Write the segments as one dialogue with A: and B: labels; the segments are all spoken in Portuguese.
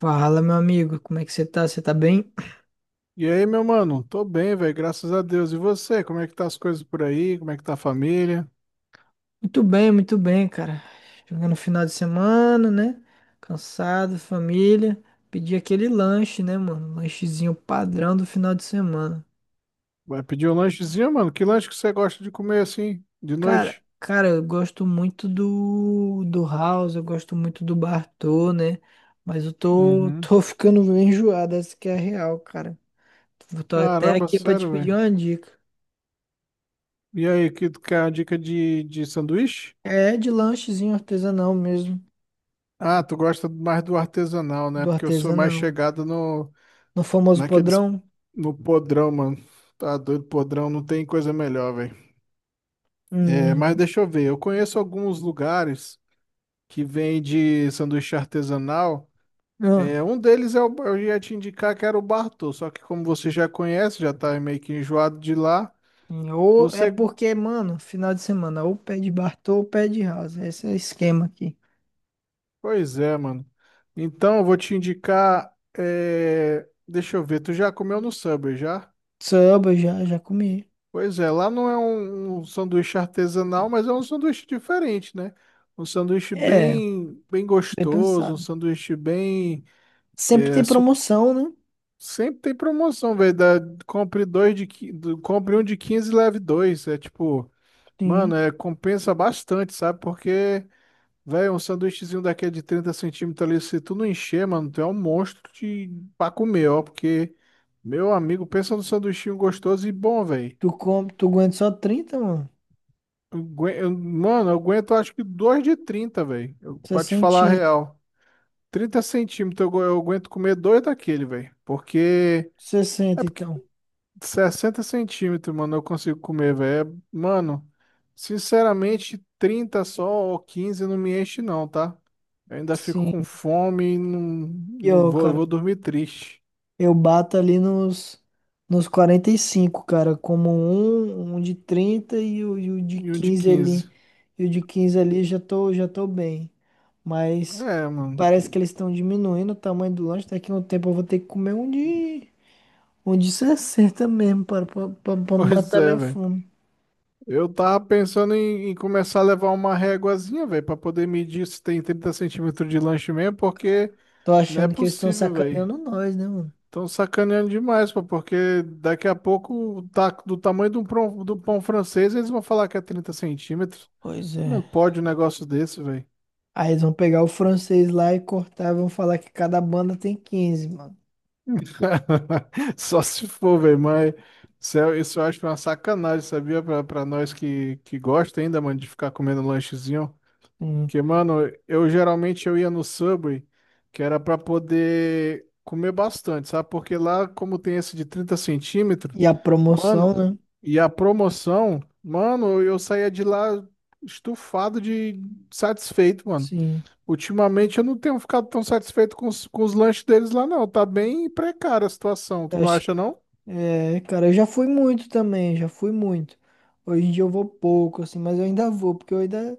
A: Fala, meu amigo, como é que você tá? Você tá bem?
B: E aí, meu mano? Tô bem, velho, graças a Deus. E você? Como é que tá as coisas por aí? Como é que tá a família?
A: Muito bem, muito bem, cara. Chegando no final de semana, né? Cansado, família. Pedi aquele lanche, né, mano? Lanchezinho padrão do final de semana.
B: Vai pedir um lanchezinho, mano? Que lanche que você gosta de comer assim, de
A: Cara,
B: noite?
A: cara, eu gosto muito do House, eu gosto muito do Bartô, né? Mas eu tô,
B: Uhum.
A: tô ficando meio enjoado, essa que é a real, cara. Tô até
B: Caramba,
A: aqui pra te
B: sério,
A: pedir
B: velho.
A: uma dica.
B: E aí, que tu quer uma dica de sanduíche?
A: É de lanchezinho artesanal mesmo,
B: Ah, tu gosta mais do artesanal, né?
A: do
B: Porque eu sou mais
A: artesanal.
B: chegado
A: No famoso
B: naqueles,
A: podrão.
B: no podrão, mano. Tá doido, podrão, não tem coisa melhor, velho. É, mas
A: Hum,
B: deixa eu ver, eu conheço alguns lugares que vende sanduíche artesanal.
A: não.
B: Eu ia te indicar que era o Bartô, só que como você já conhece, já tá meio que enjoado de lá,
A: Ou é
B: você.
A: porque, mano, final de semana, ou pé de Bartô ou pé de Rasa. Esse é o esquema aqui.
B: Pois é, mano. Então eu vou te indicar. Deixa eu ver, tu já comeu no Subway já?
A: Samba, já comi.
B: Pois é, lá não é um sanduíche artesanal, mas é um sanduíche diferente, né? Um sanduíche
A: É,
B: bem, bem
A: bem
B: gostoso, um
A: pensado.
B: sanduíche bem.
A: Sempre tem
B: é, su-
A: promoção, né?
B: Sempre tem promoção, velho. Da- Compre dois de, qui- do- compre um de 15 e leve dois. É tipo.
A: Sim.
B: Mano, compensa bastante, sabe? Porque, velho, um sanduíchezinho daquele de 30 centímetros ali, se tu não encher, mano, tu é um monstro de. Pra comer, ó. Porque, meu amigo, pensa num sanduichinho gostoso e bom, velho.
A: Tu aguenta só trinta mano?
B: Mano, eu aguento acho que dois de 30 velho. Pra te falar a
A: Sessenta.
B: real. 30 centímetros eu aguento comer dois daquele, velho. Porque. É
A: Sessenta
B: porque
A: então.
B: 60 centímetros, mano, eu consigo comer, velho. É, mano, sinceramente, 30 só ou 15 não me enche, não, tá? Eu ainda fico
A: Sim.
B: com fome e não,
A: E
B: não
A: ô,
B: vou, eu
A: cara,
B: vou dormir triste.
A: eu bato ali nos 45 cara, como um de 30 e o de
B: E um de
A: 15
B: 15.
A: ali. E o de 15 ali já tô bem. Mas
B: É, mano.
A: parece que eles estão diminuindo o tamanho do lanche. Daqui a um tempo eu vou ter que comer um de 60 mesmo, pra
B: Pois
A: matar
B: é,
A: minha
B: velho.
A: fome.
B: Eu tava pensando em começar a levar uma réguazinha, velho, pra poder medir se tem 30 centímetros de lanche mesmo, porque
A: Tô
B: não é
A: achando que eles estão
B: possível, velho.
A: sacaneando nós, né, mano?
B: Estão sacaneando demais, pô, porque daqui a pouco, tá do tamanho de do pão francês, eles vão falar que é 30 centímetros.
A: Pois
B: Não
A: é.
B: pode um negócio desse, velho.
A: Aí eles vão pegar o francês lá e cortar e vão falar que cada banda tem 15 mano.
B: Só se for, velho, mas isso eu acho uma sacanagem, sabia? Pra nós que gosta ainda, mano, de ficar comendo lanchezinho.
A: Hum.
B: Que, mano, eu geralmente eu ia no Subway, que era pra poder comer bastante, sabe? Porque lá, como tem esse de 30 centímetros,
A: E a promoção,
B: mano,
A: né?
B: e a promoção, mano, eu saía de lá estufado de satisfeito, mano.
A: Sim,
B: Ultimamente eu não tenho ficado tão satisfeito com os lanches deles lá, não. Tá bem precária a situação, tu
A: eu
B: não
A: acho que.
B: acha, não?
A: É, cara, eu já fui muito também, já fui muito. Hoje em dia eu vou pouco, assim, mas eu ainda vou, porque eu ainda.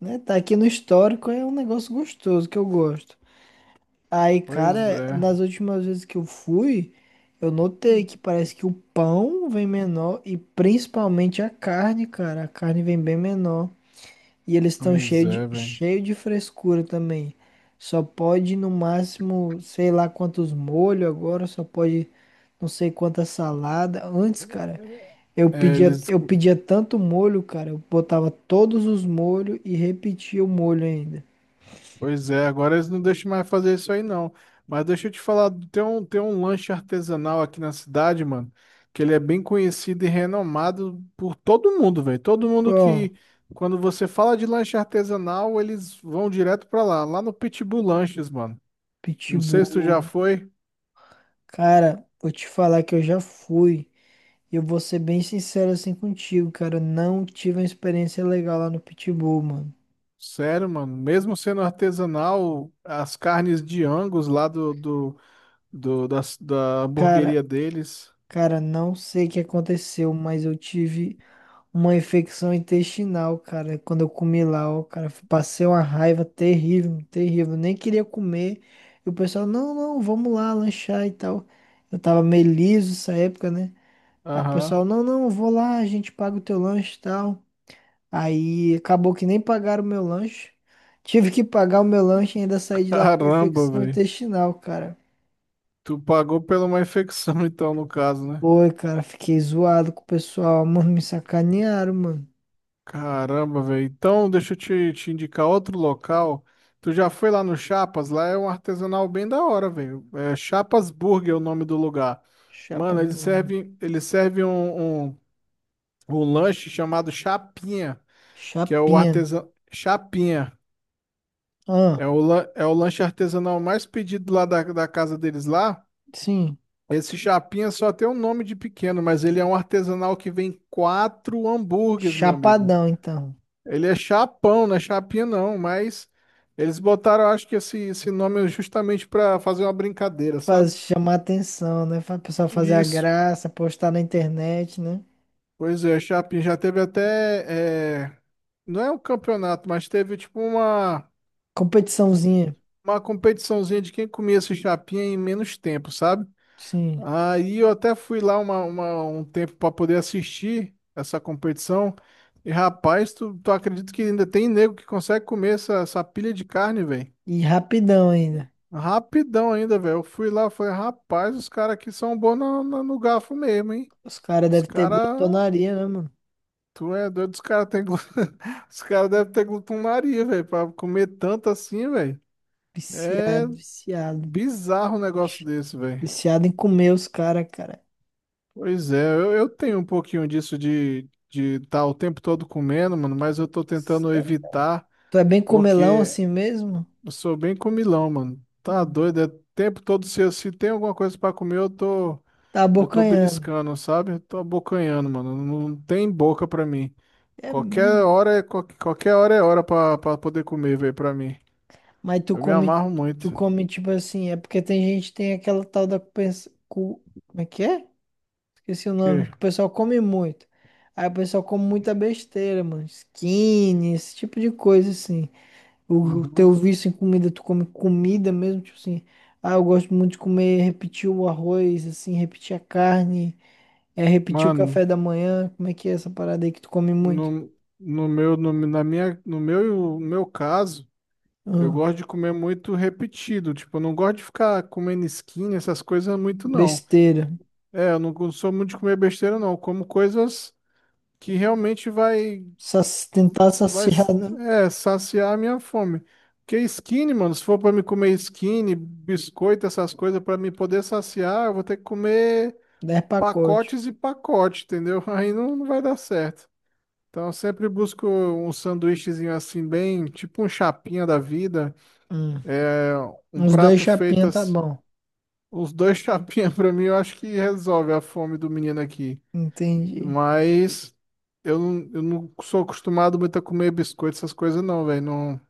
A: Né, tá aqui no histórico, é um negócio gostoso que eu gosto. Aí,
B: Pois
A: cara,
B: é,
A: nas últimas vezes que eu fui, eu notei que parece que o pão vem menor e principalmente a carne, cara. A carne vem bem menor. E eles estão
B: pois
A: cheio
B: é,
A: de,
B: velho.
A: cheio de frescura também. Só pode no máximo, sei lá quantos molhos agora, só pode não sei quanta salada. Antes, cara, eu
B: É,
A: pedia,
B: eles
A: eu pedia tanto molho, cara, eu botava todos os molhos e repetia o molho ainda.
B: Pois é, agora eles não deixam mais fazer isso aí não. Mas deixa eu te falar, tem um lanche artesanal aqui na cidade, mano, que ele é bem conhecido e renomado por todo mundo, velho. Todo mundo
A: Qual?
B: que, quando você fala de lanche artesanal, eles vão direto pra lá no Pitbull Lanches, mano. Não sei se tu já
A: Pitbull.
B: foi.
A: Cara, vou te falar que eu já fui. E eu vou ser bem sincero assim contigo, cara. Eu Não tive uma experiência legal lá no Pitbull, mano.
B: Sério, mano, mesmo sendo artesanal, as carnes de Angus lá da
A: Cara,
B: hamburgueria deles.
A: Não sei o que aconteceu, mas eu tive uma infecção intestinal, cara, quando eu comi lá, ó, cara, passei uma raiva terrível, terrível, nem queria comer. E o pessoal, não, não, vamos lá lanchar e tal. Eu tava meio liso essa época, né? Aí o pessoal,
B: Aham.
A: não, não, eu vou lá, a gente paga o teu lanche e tal. Aí acabou que nem pagaram o meu lanche. Tive que pagar o meu lanche e ainda saí de lá com
B: Caramba,
A: infecção
B: velho.
A: intestinal, cara.
B: Tu pagou pela uma infecção, então, no caso, né?
A: Foi, cara, fiquei zoado com o pessoal, mano, me sacanearam, mano.
B: Caramba, velho. Então, deixa eu te indicar outro local. Tu já foi lá no Chapas? Lá é um artesanal bem da hora, velho. Chapas Burger é o nome do lugar. Mano, eles
A: Chapasburgo.
B: servem, eles servem o lanche chamado Chapinha, que é o
A: Chapinha.
B: artesão. Chapinha.
A: Ah,
B: É o lanche artesanal mais pedido lá da casa deles lá.
A: sim.
B: Esse Chapinha só tem um nome de pequeno, mas ele é um artesanal que vem quatro hambúrgueres, meu amigo.
A: Chapadão, então.
B: Ele é chapão, não é chapinha não, mas eles botaram, eu acho que esse nome justamente para fazer uma brincadeira, sabe?
A: Faz chamar atenção, né? Faz o pessoal fazer a
B: Isso.
A: graça, postar na internet, né?
B: Pois é, Chapinha já teve até, não é um campeonato, mas teve tipo uma
A: Competiçãozinha.
B: uma competiçãozinha de quem comia essa chapinha em menos tempo, sabe?
A: Sim.
B: Aí eu até fui lá um tempo para poder assistir essa competição. E rapaz, tu acredita que ainda tem nego que consegue comer essa pilha de carne, velho?
A: E rapidão ainda.
B: Rapidão ainda, velho. Eu fui lá, falei, rapaz, os caras aqui são bons no garfo mesmo, hein?
A: Os caras
B: Os
A: devem ter
B: caras.
A: glotonaria, né, mano?
B: Tu é doido, os caras têm. Os caras devem ter glutonaria, velho, pra comer tanto assim, velho.
A: Viciado,
B: É
A: viciado.
B: bizarro um negócio desse, velho.
A: Viciado em comer os caras, cara.
B: Pois é, eu tenho um pouquinho disso de estar o tempo todo comendo, mano, mas eu tô tentando
A: Sério?
B: evitar
A: Tu é bem comelão
B: porque
A: assim mesmo?
B: eu sou bem comilão, mano. Tá
A: Hum.
B: doido, é o tempo todo se tem alguma coisa pra comer, eu tô
A: Tá
B: eu tô
A: abocanhando.
B: beliscando, sabe? Eu tô abocanhando, mano. Não tem boca pra mim.
A: É
B: Qualquer
A: mesmo.
B: hora é qualquer hora é hora pra poder comer, velho, pra mim.
A: Mas tu
B: Eu me
A: come,
B: amarro muito.
A: tu come tipo assim, é porque tem gente que tem aquela tal da como é que é? Esqueci o
B: Que?
A: nome, que o pessoal come muito. Aí o pessoal come muita besteira, mano, skinny, esse tipo de coisa assim. O
B: Uhum.
A: teu vício em comida, tu come comida mesmo, tipo assim, ah, eu gosto muito de comer, repetir o arroz, assim, repetir a carne, é repetir o
B: Mano,
A: café da manhã, como é que é essa parada aí que tu come muito?
B: no, no meu no, na minha no meu no meu caso. Eu
A: Ah,
B: gosto de comer muito repetido, tipo, eu não gosto de ficar comendo skin, essas coisas muito não.
A: besteira.
B: É, eu não sou muito de comer besteira não, eu como coisas que realmente vai
A: Tentar
B: vai
A: saciar, né?
B: saciar a minha fome. Porque skin, mano, se for pra me comer skin, biscoito, essas coisas pra me poder saciar, eu vou ter que comer
A: 10 pacotes.
B: pacotes e pacote, entendeu? Aí não, não vai dar certo. Então eu sempre busco um sanduíchezinho assim bem, tipo um chapinha da vida.
A: Hum.
B: É, um
A: Uns dois
B: prato feito
A: chapinha tá
B: assim,
A: bom.
B: uns dois chapinhas pra mim, eu acho que resolve a fome do menino aqui.
A: Entendi.
B: Mas eu não sou acostumado muito a comer biscoito, essas coisas não, velho. Não,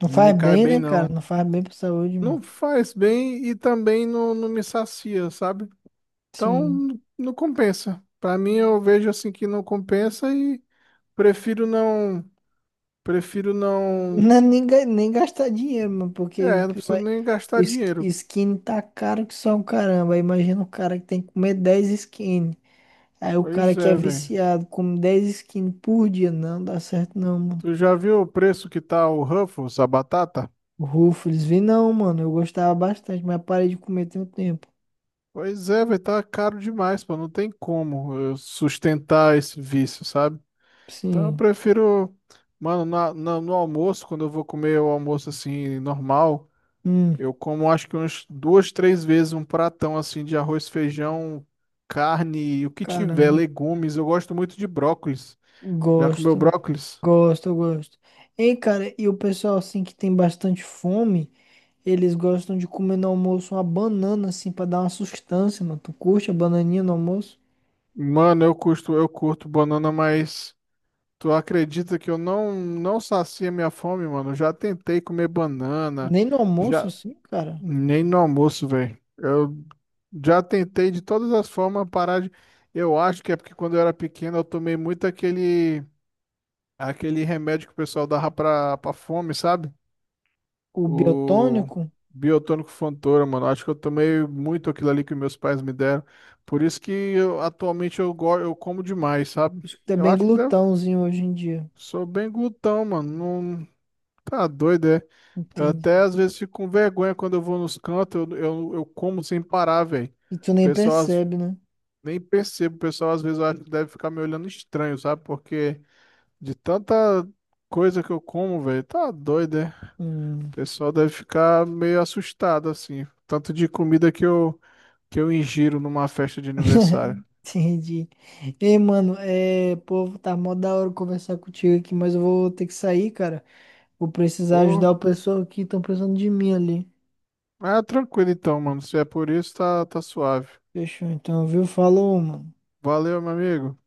A: Não
B: não me
A: faz
B: cai
A: bem,
B: bem,
A: né, cara?
B: não.
A: Não faz bem pra saúde, mano.
B: Não faz bem e também não, não me sacia, sabe? Então
A: Sim.
B: não compensa. Pra mim, eu vejo assim que não compensa e prefiro não. Prefiro
A: Não,
B: não.
A: nem gastar dinheiro, mano, porque ima-
B: É, não preciso nem gastar dinheiro.
A: skin tá caro que só um caramba. Aí imagina o cara que tem que comer 10 skin. Aí o cara
B: Pois
A: que é
B: é, velho.
A: viciado come 10 skin por dia. Não dá certo não, mano.
B: Tu já viu o preço que tá o Ruffles, a batata?
A: Ruffles, vi não, mano. Eu gostava bastante, mas parei de comer tem um tempo.
B: Pois é, vai tá caro demais, pô. Não tem como eu sustentar esse vício, sabe? Então eu
A: Sim.
B: prefiro, mano, no almoço, quando eu vou comer o almoço assim, normal,
A: Hum,
B: eu como acho que umas duas, três vezes um pratão assim de arroz, feijão, carne, o que tiver,
A: caramba.
B: legumes. Eu gosto muito de brócolis. Já comeu
A: Gosto.
B: brócolis?
A: Gosto, eu gosto. Ei, cara, e o pessoal assim que tem bastante fome, eles gostam de comer no almoço uma banana assim pra dar uma sustância, mano. Tu curte a bananinha no almoço?
B: Mano, eu curto banana, mas. Tu acredita que eu não sacia minha fome, mano? Eu já tentei comer banana,
A: Nem no almoço
B: já
A: assim, cara.
B: nem no almoço, velho. Eu já tentei de todas as formas parar de. Eu acho que é porque quando eu era pequeno eu tomei muito aquele remédio que o pessoal dava pra fome, sabe?
A: O
B: O
A: biotônico,
B: biotônico Fontoura, mano. Acho que eu tomei muito aquilo ali que meus pais me deram. Por isso que atualmente eu como demais, sabe?
A: isso que tá
B: Eu
A: bem
B: acho que deve
A: glutãozinho hoje em dia.
B: Sou bem glutão, mano. Não, tá doido, é? Eu até
A: Entendi.
B: às vezes fico com vergonha quando eu vou nos cantos, eu como sem parar, velho.
A: E tu
B: O
A: nem
B: pessoal às-
A: percebe, né?
B: nem percebo, o pessoal às vezes eu acho que deve ficar me olhando estranho, sabe? Porque de tanta coisa que eu como, velho, tá doido, é?
A: Hum.
B: O pessoal deve ficar meio assustado, assim. Tanto de comida que que eu ingiro numa festa de aniversário.
A: Entendi. Ei, mano, povo, tá mó da hora conversar contigo aqui, mas eu vou ter que sair, cara. Vou precisar
B: Ô,
A: ajudar o pessoal que estão precisando de mim ali.
B: ah, tranquilo então, mano. Se é por isso, tá, tá suave.
A: Fechou, então, viu? Falou, mano.
B: Valeu, meu amigo.